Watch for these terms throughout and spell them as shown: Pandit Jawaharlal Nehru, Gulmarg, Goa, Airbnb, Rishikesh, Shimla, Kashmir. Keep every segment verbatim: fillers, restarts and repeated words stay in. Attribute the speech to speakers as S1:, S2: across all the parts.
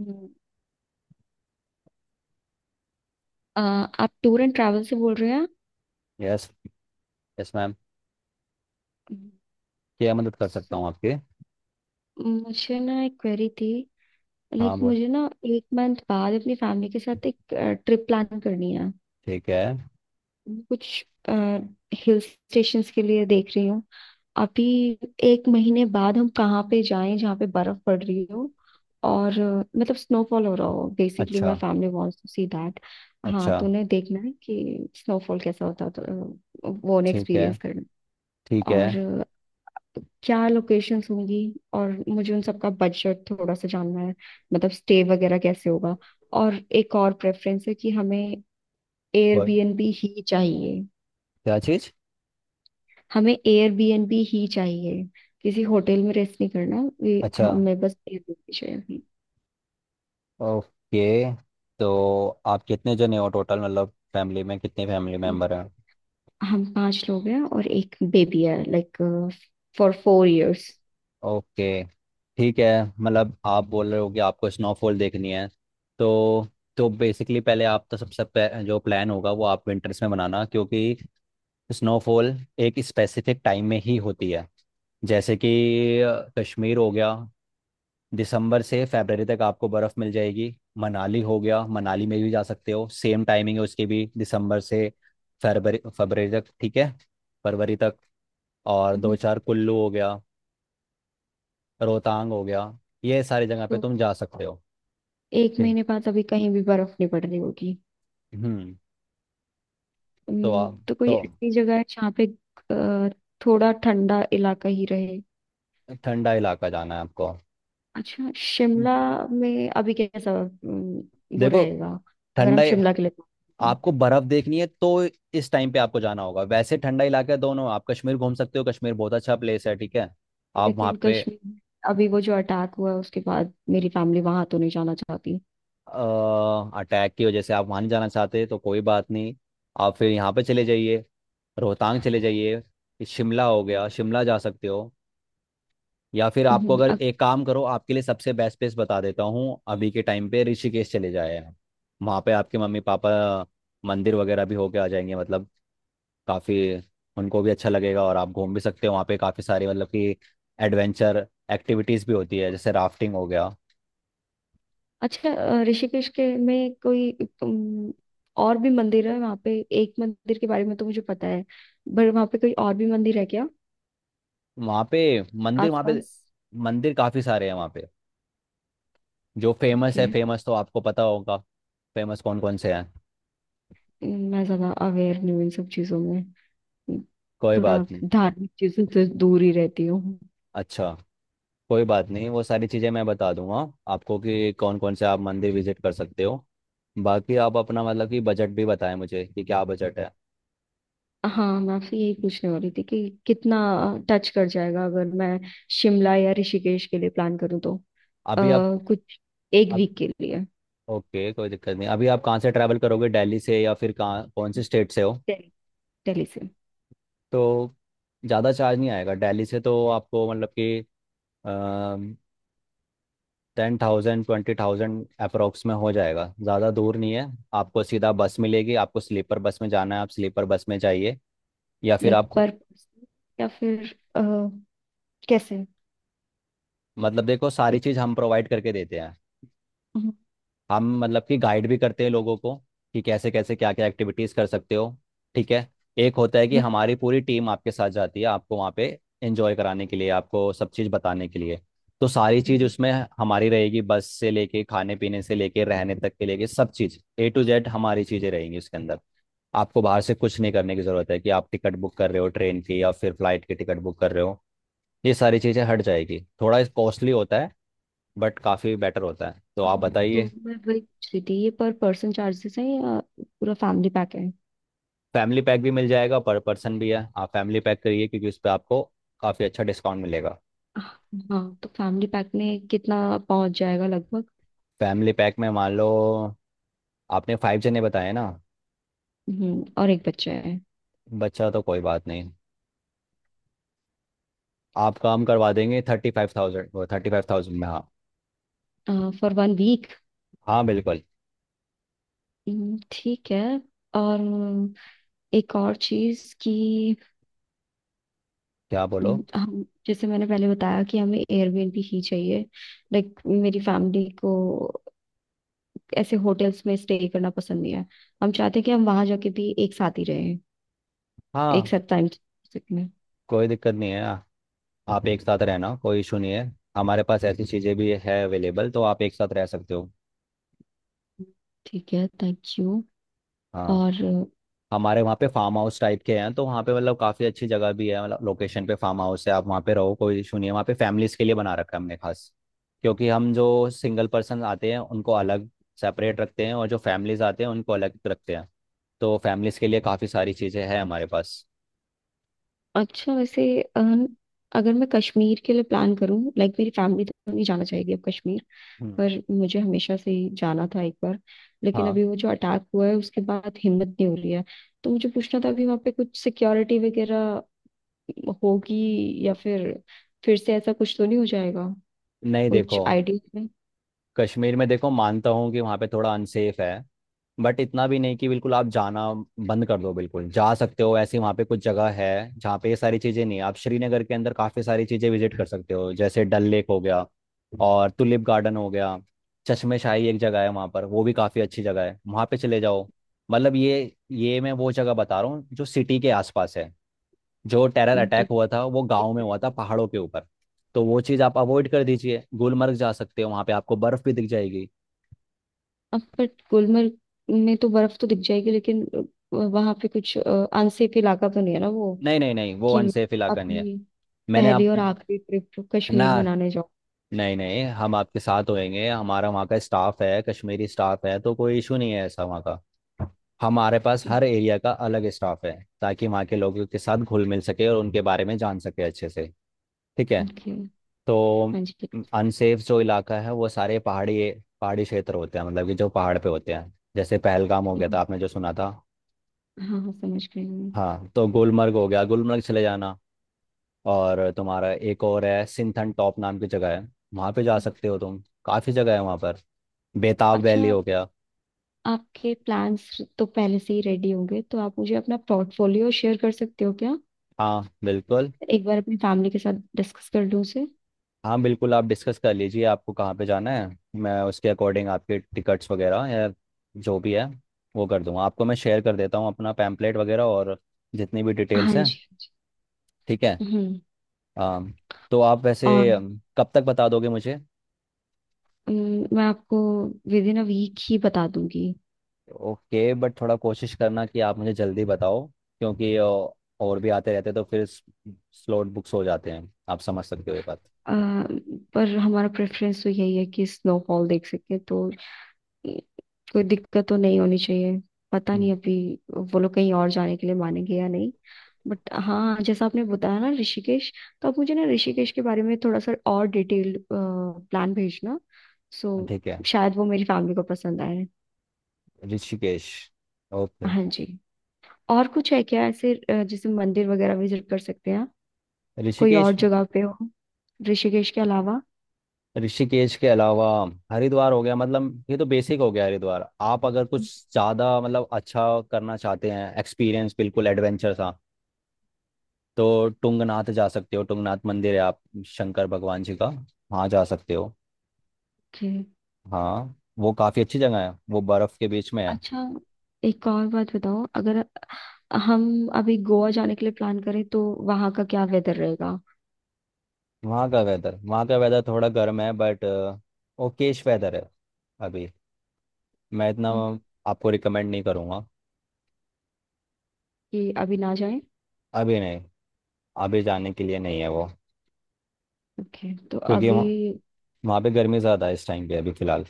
S1: हम्म, अ, आप tour and travel से बोल रहे हैं।
S2: यस। Yes ma'am.
S1: हम्म।
S2: क्या मदद कर सकता
S1: सर,
S2: हूँ आपके।
S1: मुझे ना एक क्वेरी थी।
S2: हाँ
S1: लाइक
S2: बोल।
S1: मुझे ना एक मंथ बाद अपनी फैमिली के साथ एक ट्रिप प्लान करनी है।
S2: ठीक है।
S1: मैं कुछ हिल स्टेशंस के लिए देख रही हूँ अभी। एक महीने बाद हम कहाँ पे जाएं जहाँ पे बर्फ पड़ रही हो और अ, मतलब स्नोफॉल हो रहा हो। बेसिकली
S2: अच्छा।
S1: My family wants to see that. हाँ,
S2: अच्छा।
S1: तो उन्हें देखना है कि स्नोफॉल कैसा होता है, तो अ, वो उन्हें
S2: ठीक है।
S1: एक्सपीरियंस करना
S2: ठीक
S1: है।
S2: है।
S1: और क्या लोकेशंस होंगी और मुझे उन सबका बजट थोड़ा सा जानना है। मतलब स्टे वगैरह कैसे होगा। और एक और प्रेफरेंस है कि हमें
S2: बोल?
S1: एयरबीएनबी ही चाहिए।
S2: क्या चीज़?
S1: हमें एयरबीएनबी ही चाहिए। किसी होटल में रेस्ट नहीं करना, ये
S2: अच्छा।
S1: हमें बस एयरबीएनबी चाहिए।
S2: ओके। तो आप कितने जने हो टोटल, मतलब फैमिली में कितने फैमिली मेम्बर हैं?
S1: हम्म, हम पांच लोग हैं और एक बेबी है, like for four years.
S2: Okay. ठीक है। मतलब आप बोल रहे हो कि आपको स्नोफॉल देखनी है। तो तो बेसिकली पहले आप तो सबसे पह- जो प्लान होगा वो आप विंटर्स में बनाना, क्योंकि स्नोफॉल एक स्पेसिफिक टाइम में ही होती है। जैसे कि अ, कश्मीर हो गया, दिसंबर से फरवरी तक आपको बर्फ़ मिल जाएगी। मनाली हो गया, मनाली में भी जा सकते हो, सेम टाइमिंग है उसकी भी, दिसंबर से फरवरी फरवरी तक। ठीक है, फरवरी तक। और दो चार कुल्लू हो गया, रोहतांग हो गया, ये सारी जगह पे
S1: तो
S2: तुम जा सकते हो।
S1: एक
S2: ठीक।
S1: महीने बाद अभी कहीं भी बर्फ नहीं पड़ रही होगी।
S2: हम्म। तो
S1: हम्म,
S2: आप,
S1: तो कोई
S2: तो
S1: ऐसी जगह है जहाँ पे अ, थोड़ा ठंडा इलाका ही रहे।
S2: ठंडा इलाका जाना है आपको।
S1: अच्छा, शिमला में अभी कैसा हम्म, वो
S2: देखो,
S1: रहेगा, अगर हम
S2: ठंडा
S1: शिमला के लिए बात करें।
S2: आपको बर्फ देखनी है तो इस टाइम पे आपको जाना होगा। वैसे ठंडा इलाका है दोनों, आप कश्मीर घूम सकते हो, कश्मीर बहुत अच्छा प्लेस है। ठीक है,
S1: तो,
S2: आप
S1: लेकिन
S2: वहाँ पे।
S1: कश्मीर अभी वो जो अटैक हुआ है उसके बाद मेरी फैमिली वहां तो नहीं जाना चाहती।
S2: अटैक की वजह से आप वहाँ नहीं जाना चाहते तो कोई बात नहीं, आप फिर यहाँ पे चले जाइए। रोहतांग चले जाइए, शिमला हो गया, शिमला जा सकते हो। या फिर आपको,
S1: हम्म।
S2: अगर
S1: अ-
S2: एक काम करो, आपके लिए सबसे बेस्ट प्लेस बता देता हूँ अभी के टाइम पे, ऋषिकेश चले जाए आप। वहाँ पे आपके मम्मी पापा मंदिर वगैरह भी होके आ जाएंगे, मतलब काफ़ी, उनको भी अच्छा लगेगा और आप घूम भी सकते हो वहाँ पे। काफ़ी सारी मतलब कि एडवेंचर एक्टिविटीज़ भी होती है, जैसे राफ्टिंग हो गया।
S1: अच्छा, अ, ऋषिकेश के में कोई हम्म, और भी मंदिर है वहाँ पे? एक मंदिर के बारे में तो मुझे पता है पर वहाँ पे कोई और भी मंदिर है क्या
S2: वहाँ पे मंदिर वहाँ पे
S1: आसपास?
S2: मंदिर काफ़ी सारे हैं वहाँ पे, जो फेमस
S1: ओके।
S2: है। फेमस तो आपको पता होगा। फेमस कौन कौन से हैं?
S1: मैं ज्यादा अवेयर नहीं हूँ इन सब चीजों में,
S2: कोई
S1: थोड़ा
S2: बात नहीं।
S1: धार्मिक चीजों से दूर ही रहती हूँ।
S2: अच्छा, कोई बात नहीं, वो सारी चीज़ें मैं बता दूंगा आपको कि कौन कौन से आप मंदिर विजिट कर सकते हो। बाकी आप अपना मतलब कि बजट भी बताएं मुझे, कि क्या बजट है।
S1: हाँ, मैं आपसे यही पूछने वाली थी कि कितना टच कर जाएगा अगर मैं शिमला या ऋषिकेश के लिए प्लान करूँ तो अ,
S2: अभी
S1: कुछ एक
S2: आप,
S1: वीक के लिए।
S2: ओके कोई दिक्कत नहीं। अभी आप कहाँ से ट्रैवल करोगे, दिल्ली से, या फिर कहाँ, कौन से स्टेट से हो?
S1: दिल्ली, दिल्ली से।
S2: तो ज़्यादा चार्ज नहीं आएगा दिल्ली से तो आपको, मतलब कि ten thousand twenty thousand approx में हो जाएगा, ज़्यादा दूर नहीं है। आपको सीधा बस मिलेगी, आपको स्लीपर बस में जाना है, आप स्लीपर बस में जाइए, या फिर
S1: लाइक
S2: आप,
S1: पर पर्सन या फिर अ, कैसे?
S2: मतलब देखो सारी चीज़ हम प्रोवाइड करके देते हैं।
S1: हम्म,
S2: हम मतलब कि गाइड भी करते हैं लोगों को, कि कैसे कैसे क्या क्या एक्टिविटीज़ कर सकते हो। ठीक है, एक होता है कि
S1: हम्म,
S2: हमारी पूरी टीम आपके साथ जाती है आपको वहाँ पे एंजॉय कराने के लिए, आपको सब चीज़ बताने के लिए। तो सारी चीज़ उसमें हमारी रहेगी, बस से लेके खाने पीने से लेके रहने तक के लेके सब चीज़ ए टू जेड हमारी चीज़ें रहेंगी उसके अंदर। आपको बाहर से कुछ नहीं करने की ज़रूरत है, कि आप टिकट बुक कर रहे हो ट्रेन की या फिर फ्लाइट की टिकट बुक कर रहे हो, ये सारी चीज़ें हट जाएगी। थोड़ा कॉस्टली होता है, बट काफ़ी बेटर होता है, तो आप
S1: हम्म, तो
S2: बताइए।
S1: मैं वही पूछ रही थी, ये पर पर्सन चार्जेस है या पूरा फैमिली पैक?
S2: फैमिली पैक भी मिल जाएगा, पर पर्सन भी है, आप फैमिली पैक करिए क्योंकि उस पर आपको काफ़ी अच्छा डिस्काउंट मिलेगा।
S1: हाँ, तो फैमिली पैक में कितना पहुंच जाएगा लगभग?
S2: फैमिली पैक में मान लो आपने फाइव जने बताए ना,
S1: हम्म, और एक बच्चा है।
S2: बच्चा तो कोई बात नहीं। आपका हम करवा देंगे थर्टी फाइव थाउजेंड, वो थर्टी फाइव थाउजेंड में। हाँ,
S1: फॉर वन वीक?
S2: हाँ बिल्कुल।
S1: ठीक है। और एक और चीज कि
S2: क्या बोलो?
S1: हम्म, हम, जैसे मैंने पहले बताया कि हमें एयरबीएनबी ही चाहिए। लाइक मेरी फैमिली को ऐसे होटल्स में स्टे करना पसंद नहीं है। हम चाहते हैं कि हम वहां जाके भी एक साथ ही रहें, एक
S2: हाँ,
S1: साथ टाइम में।
S2: कोई दिक्कत नहीं है, आप एक साथ रहना कोई इशू नहीं है, हमारे पास ऐसी चीज़ें भी है अवेलेबल, तो आप एक साथ रह सकते हो।
S1: ठीक है, थैंक यू।
S2: हाँ।
S1: और
S2: हमारे वहाँ पे फार्म हाउस टाइप के हैं, तो वहाँ पे मतलब काफ़ी अच्छी जगह भी है, मतलब लोकेशन पे फार्म हाउस है। आप वहाँ पे रहो, कोई इशू नहीं है वहाँ पे। फैमिलीज के लिए बना रखा है हमने खास, क्योंकि हम जो सिंगल पर्सन आते हैं उनको अलग सेपरेट रखते हैं, और जो फैमिलीज आते हैं उनको अलग रखते हैं। तो फैमिलीज के लिए काफ़ी सारी चीज़ें हैं हमारे पास।
S1: अच्छा, वैसे अ, अगर मैं कश्मीर के लिए प्लान करूं, लाइक मेरी फैमिली तो नहीं जाना चाहेगी अब कश्मीर,
S2: हम्म।
S1: पर मुझे हमेशा से ही जाना था एक बार। लेकिन
S2: हाँ।
S1: अभी वो जो अटैक हुआ है उसके बाद हिम्मत नहीं हो रही है। तो मुझे पूछना था अभी वहाँ पे कुछ सिक्योरिटी वगैरह होगी, या फिर फिर से ऐसा कुछ तो नहीं हो जाएगा?
S2: नहीं
S1: कुछ
S2: देखो,
S1: आइडिया है?
S2: कश्मीर में देखो, मानता हूँ कि वहाँ पे थोड़ा अनसेफ है, बट इतना भी नहीं कि बिल्कुल आप जाना बंद कर दो। बिल्कुल जा सकते हो, ऐसी वहाँ पे कुछ जगह है जहाँ पे ये सारी चीज़ें नहीं है। आप श्रीनगर के अंदर काफ़ी सारी चीज़ें विजिट कर सकते हो, जैसे डल लेक हो गया और टुलिप गार्डन हो गया, चश्मे शाही एक जगह है वहाँ पर, वो भी काफ़ी अच्छी जगह है, वहाँ पे चले जाओ। मतलब ये ये मैं वो जगह बता रहा हूँ जो सिटी के आसपास है। जो टेरर
S1: हम्म, तो
S2: अटैक हुआ था वो
S1: ठीक
S2: गांव में हुआ
S1: रहेगा।
S2: था, पहाड़ों के ऊपर। तो वो चीज़ आप अवॉइड कर दीजिए, गुलमर्ग जा सकते हो, वहां पे आपको बर्फ भी दिख जाएगी।
S1: अब बट गुलमर्ग में तो बर्फ तो दिख जाएगी, लेकिन वहां पे कुछ अनसेफ इलाका तो नहीं है ना वो,
S2: नहीं नहीं नहीं, वो
S1: कि
S2: अनसेफ इलाका नहीं है।
S1: अपनी
S2: मैंने
S1: पहली
S2: आप,
S1: और आखिरी ट्रिप
S2: ना,
S1: कश्मीर मनाने जाओ।
S2: नहीं नहीं, हम आपके साथ होएंगे, हमारा वहाँ का स्टाफ है, कश्मीरी स्टाफ है, तो कोई इशू नहीं है ऐसा वहाँ का। हमारे पास हर एरिया का अलग स्टाफ है, ताकि वहाँ के लोगों के साथ घुल मिल सके और उनके बारे में जान सके अच्छे से। ठीक है।
S1: ओके।
S2: तो
S1: हाँ जी।
S2: अनसेफ जो इलाका है वो सारे पहाड़ी पहाड़ी क्षेत्र होते हैं, मतलब कि जो पहाड़ पे होते हैं, जैसे पहलगाम हो गया था आपने जो सुना था।
S1: हाँ हाँ, समझ गई मैं।
S2: हाँ, तो गुलमर्ग हो गया, गुलमर्ग चले जाना, और तुम्हारा एक और है, सिंथन टॉप नाम की जगह है, वहाँ पे जा सकते हो तुम, काफ़ी जगह है वहाँ पर, बेताब वैली
S1: अच्छा,
S2: हो गया।
S1: आपके प्लान्स तो पहले से ही रेडी होंगे, तो आप मुझे अपना पोर्टफोलियो शेयर कर सकते हो क्या?
S2: हाँ बिल्कुल।
S1: एक बार अपनी फैमिली के साथ डिस्कस कर लूँ उसे।
S2: हाँ बिल्कुल, आप डिस्कस कर लीजिए, आपको कहाँ पे जाना है मैं उसके अकॉर्डिंग आपके टिकट्स वगैरह, या जो भी है वो कर दूंगा। आपको मैं शेयर कर देता हूँ अपना पैम्पलेट वगैरह, और जितनी भी
S1: हाँ
S2: डिटेल्स है।
S1: जी, हाँ जी।
S2: ठीक है।
S1: हम्म।
S2: अम, तो आप वैसे
S1: और
S2: अम, कब तक बता दोगे मुझे?
S1: अम, मैं आपको विद इन अ वीक ही बता दूंगी।
S2: ओके, बट थोड़ा कोशिश करना कि आप मुझे जल्दी बताओ, क्योंकि अ, और भी आते रहते तो फिर स्लॉट बुक्स हो जाते हैं, आप समझ सकते हो ये बात।
S1: अ, पर हमारा प्रेफरेंस तो यही है कि स्नोफॉल देख सके, तो कोई दिक्कत तो नहीं होनी चाहिए। पता
S2: हम्म,
S1: नहीं अभी वो लोग कहीं और जाने के लिए मानेंगे या नहीं, बट हाँ, जैसा आपने बताया ना ऋषिकेश, तो आप मुझे ना ऋषिकेश के बारे में थोड़ा सा और डिटेल्ड प्लान भेजना, सो
S2: ठीक है।
S1: शायद वो मेरी फैमिली को पसंद आए।
S2: ऋषिकेश। ओके।
S1: हाँ जी। और कुछ है क्या ऐसे, अ, जैसे मंदिर वगैरह विजिट कर सकते हैं आप? कोई और
S2: ऋषिकेश,
S1: जगह पे हो ऋषिकेश के अलावा?
S2: ऋषिकेश के अलावा हरिद्वार हो गया, मतलब ये तो बेसिक हो गया हरिद्वार। आप अगर कुछ ज़्यादा मतलब अच्छा करना चाहते हैं एक्सपीरियंस, बिल्कुल एडवेंचर सा, तो टुंगनाथ जा सकते हो, टुंगनाथ मंदिर है आप, शंकर भगवान जी का, वहाँ जा सकते हो।
S1: ओके।
S2: हाँ, वो काफ़ी अच्छी जगह है, वो बर्फ़ के बीच में है।
S1: अच्छा, एक और बात बताओ, अगर हम अभी गोवा जाने के लिए प्लान करें तो वहाँ का क्या वेदर रहेगा?
S2: वहाँ का वेदर, वहाँ का वेदर थोड़ा गर्म है, बट ओकेश वेदर है। अभी मैं इतना आपको रिकमेंड नहीं करूँगा।
S1: कि अभी ना जाएं?
S2: अभी नहीं, अभी जाने के लिए नहीं है वो,
S1: ओके, तो
S2: क्योंकि
S1: अभी?
S2: वहाँ, वहाँ पे गर्मी ज़्यादा है इस टाइम पे अभी फ़िलहाल।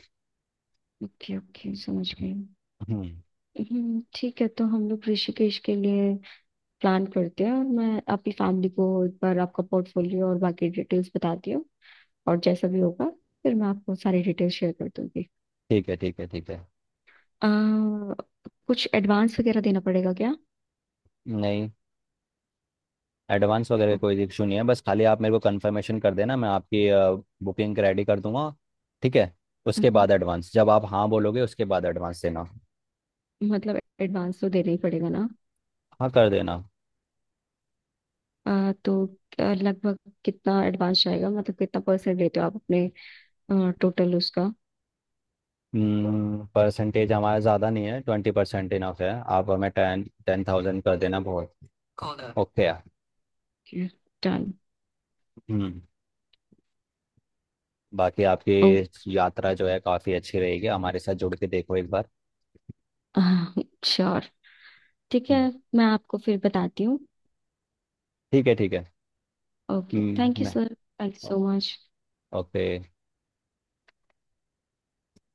S1: ओके ओके, समझ गई।
S2: हम्म,
S1: हम्म, ठीक है, तो हम लोग ऋषिकेश के लिए प्लान करते हैं और मैं आपकी फैमिली को एक बार आपका पोर्टफोलियो और बाकी डिटेल्स बताती हूँ, और जैसा भी होगा फिर मैं आपको सारी डिटेल्स शेयर कर दूंगी।
S2: ठीक है, ठीक है, ठीक है।
S1: आ, कुछ एडवांस वगैरह देना पड़ेगा क्या?
S2: नहीं, एडवांस वगैरह
S1: ओ।
S2: कोई इशू नहीं है, बस खाली आप मेरे को कंफर्मेशन कर देना, मैं आपकी बुकिंग रेडी कर दूंगा। ठीक है। उसके
S1: हम्म,
S2: बाद एडवांस, जब आप हाँ बोलोगे उसके बाद एडवांस देना।
S1: मतलब एडवांस तो देना ही पड़ेगा ना?
S2: हाँ, कर देना।
S1: आ, तो आ, लगभग कितना एडवांस जाएगा? मतलब कितना परसेंट लेते हो आप अपने टोटल उसका?
S2: परसेंटेज हमारा ज़्यादा नहीं है, ट्वेंटी परसेंट इनफ है। आप हमें टेन टेन थाउजेंड कर देना बहुत। ओके।
S1: डन।
S2: हम्म। बाकी आपकी
S1: ओ।
S2: यात्रा जो है काफ़ी अच्छी रहेगी हमारे साथ जुड़ के, देखो एक बार।
S1: श्योर। ठीक है,
S2: हम्म,
S1: मैं आपको फिर बताती हूँ।
S2: ठीक है, ठीक है।
S1: ओके,
S2: हम्म,
S1: थैंक यू
S2: मैं,
S1: sir, thank you so much.
S2: Okay.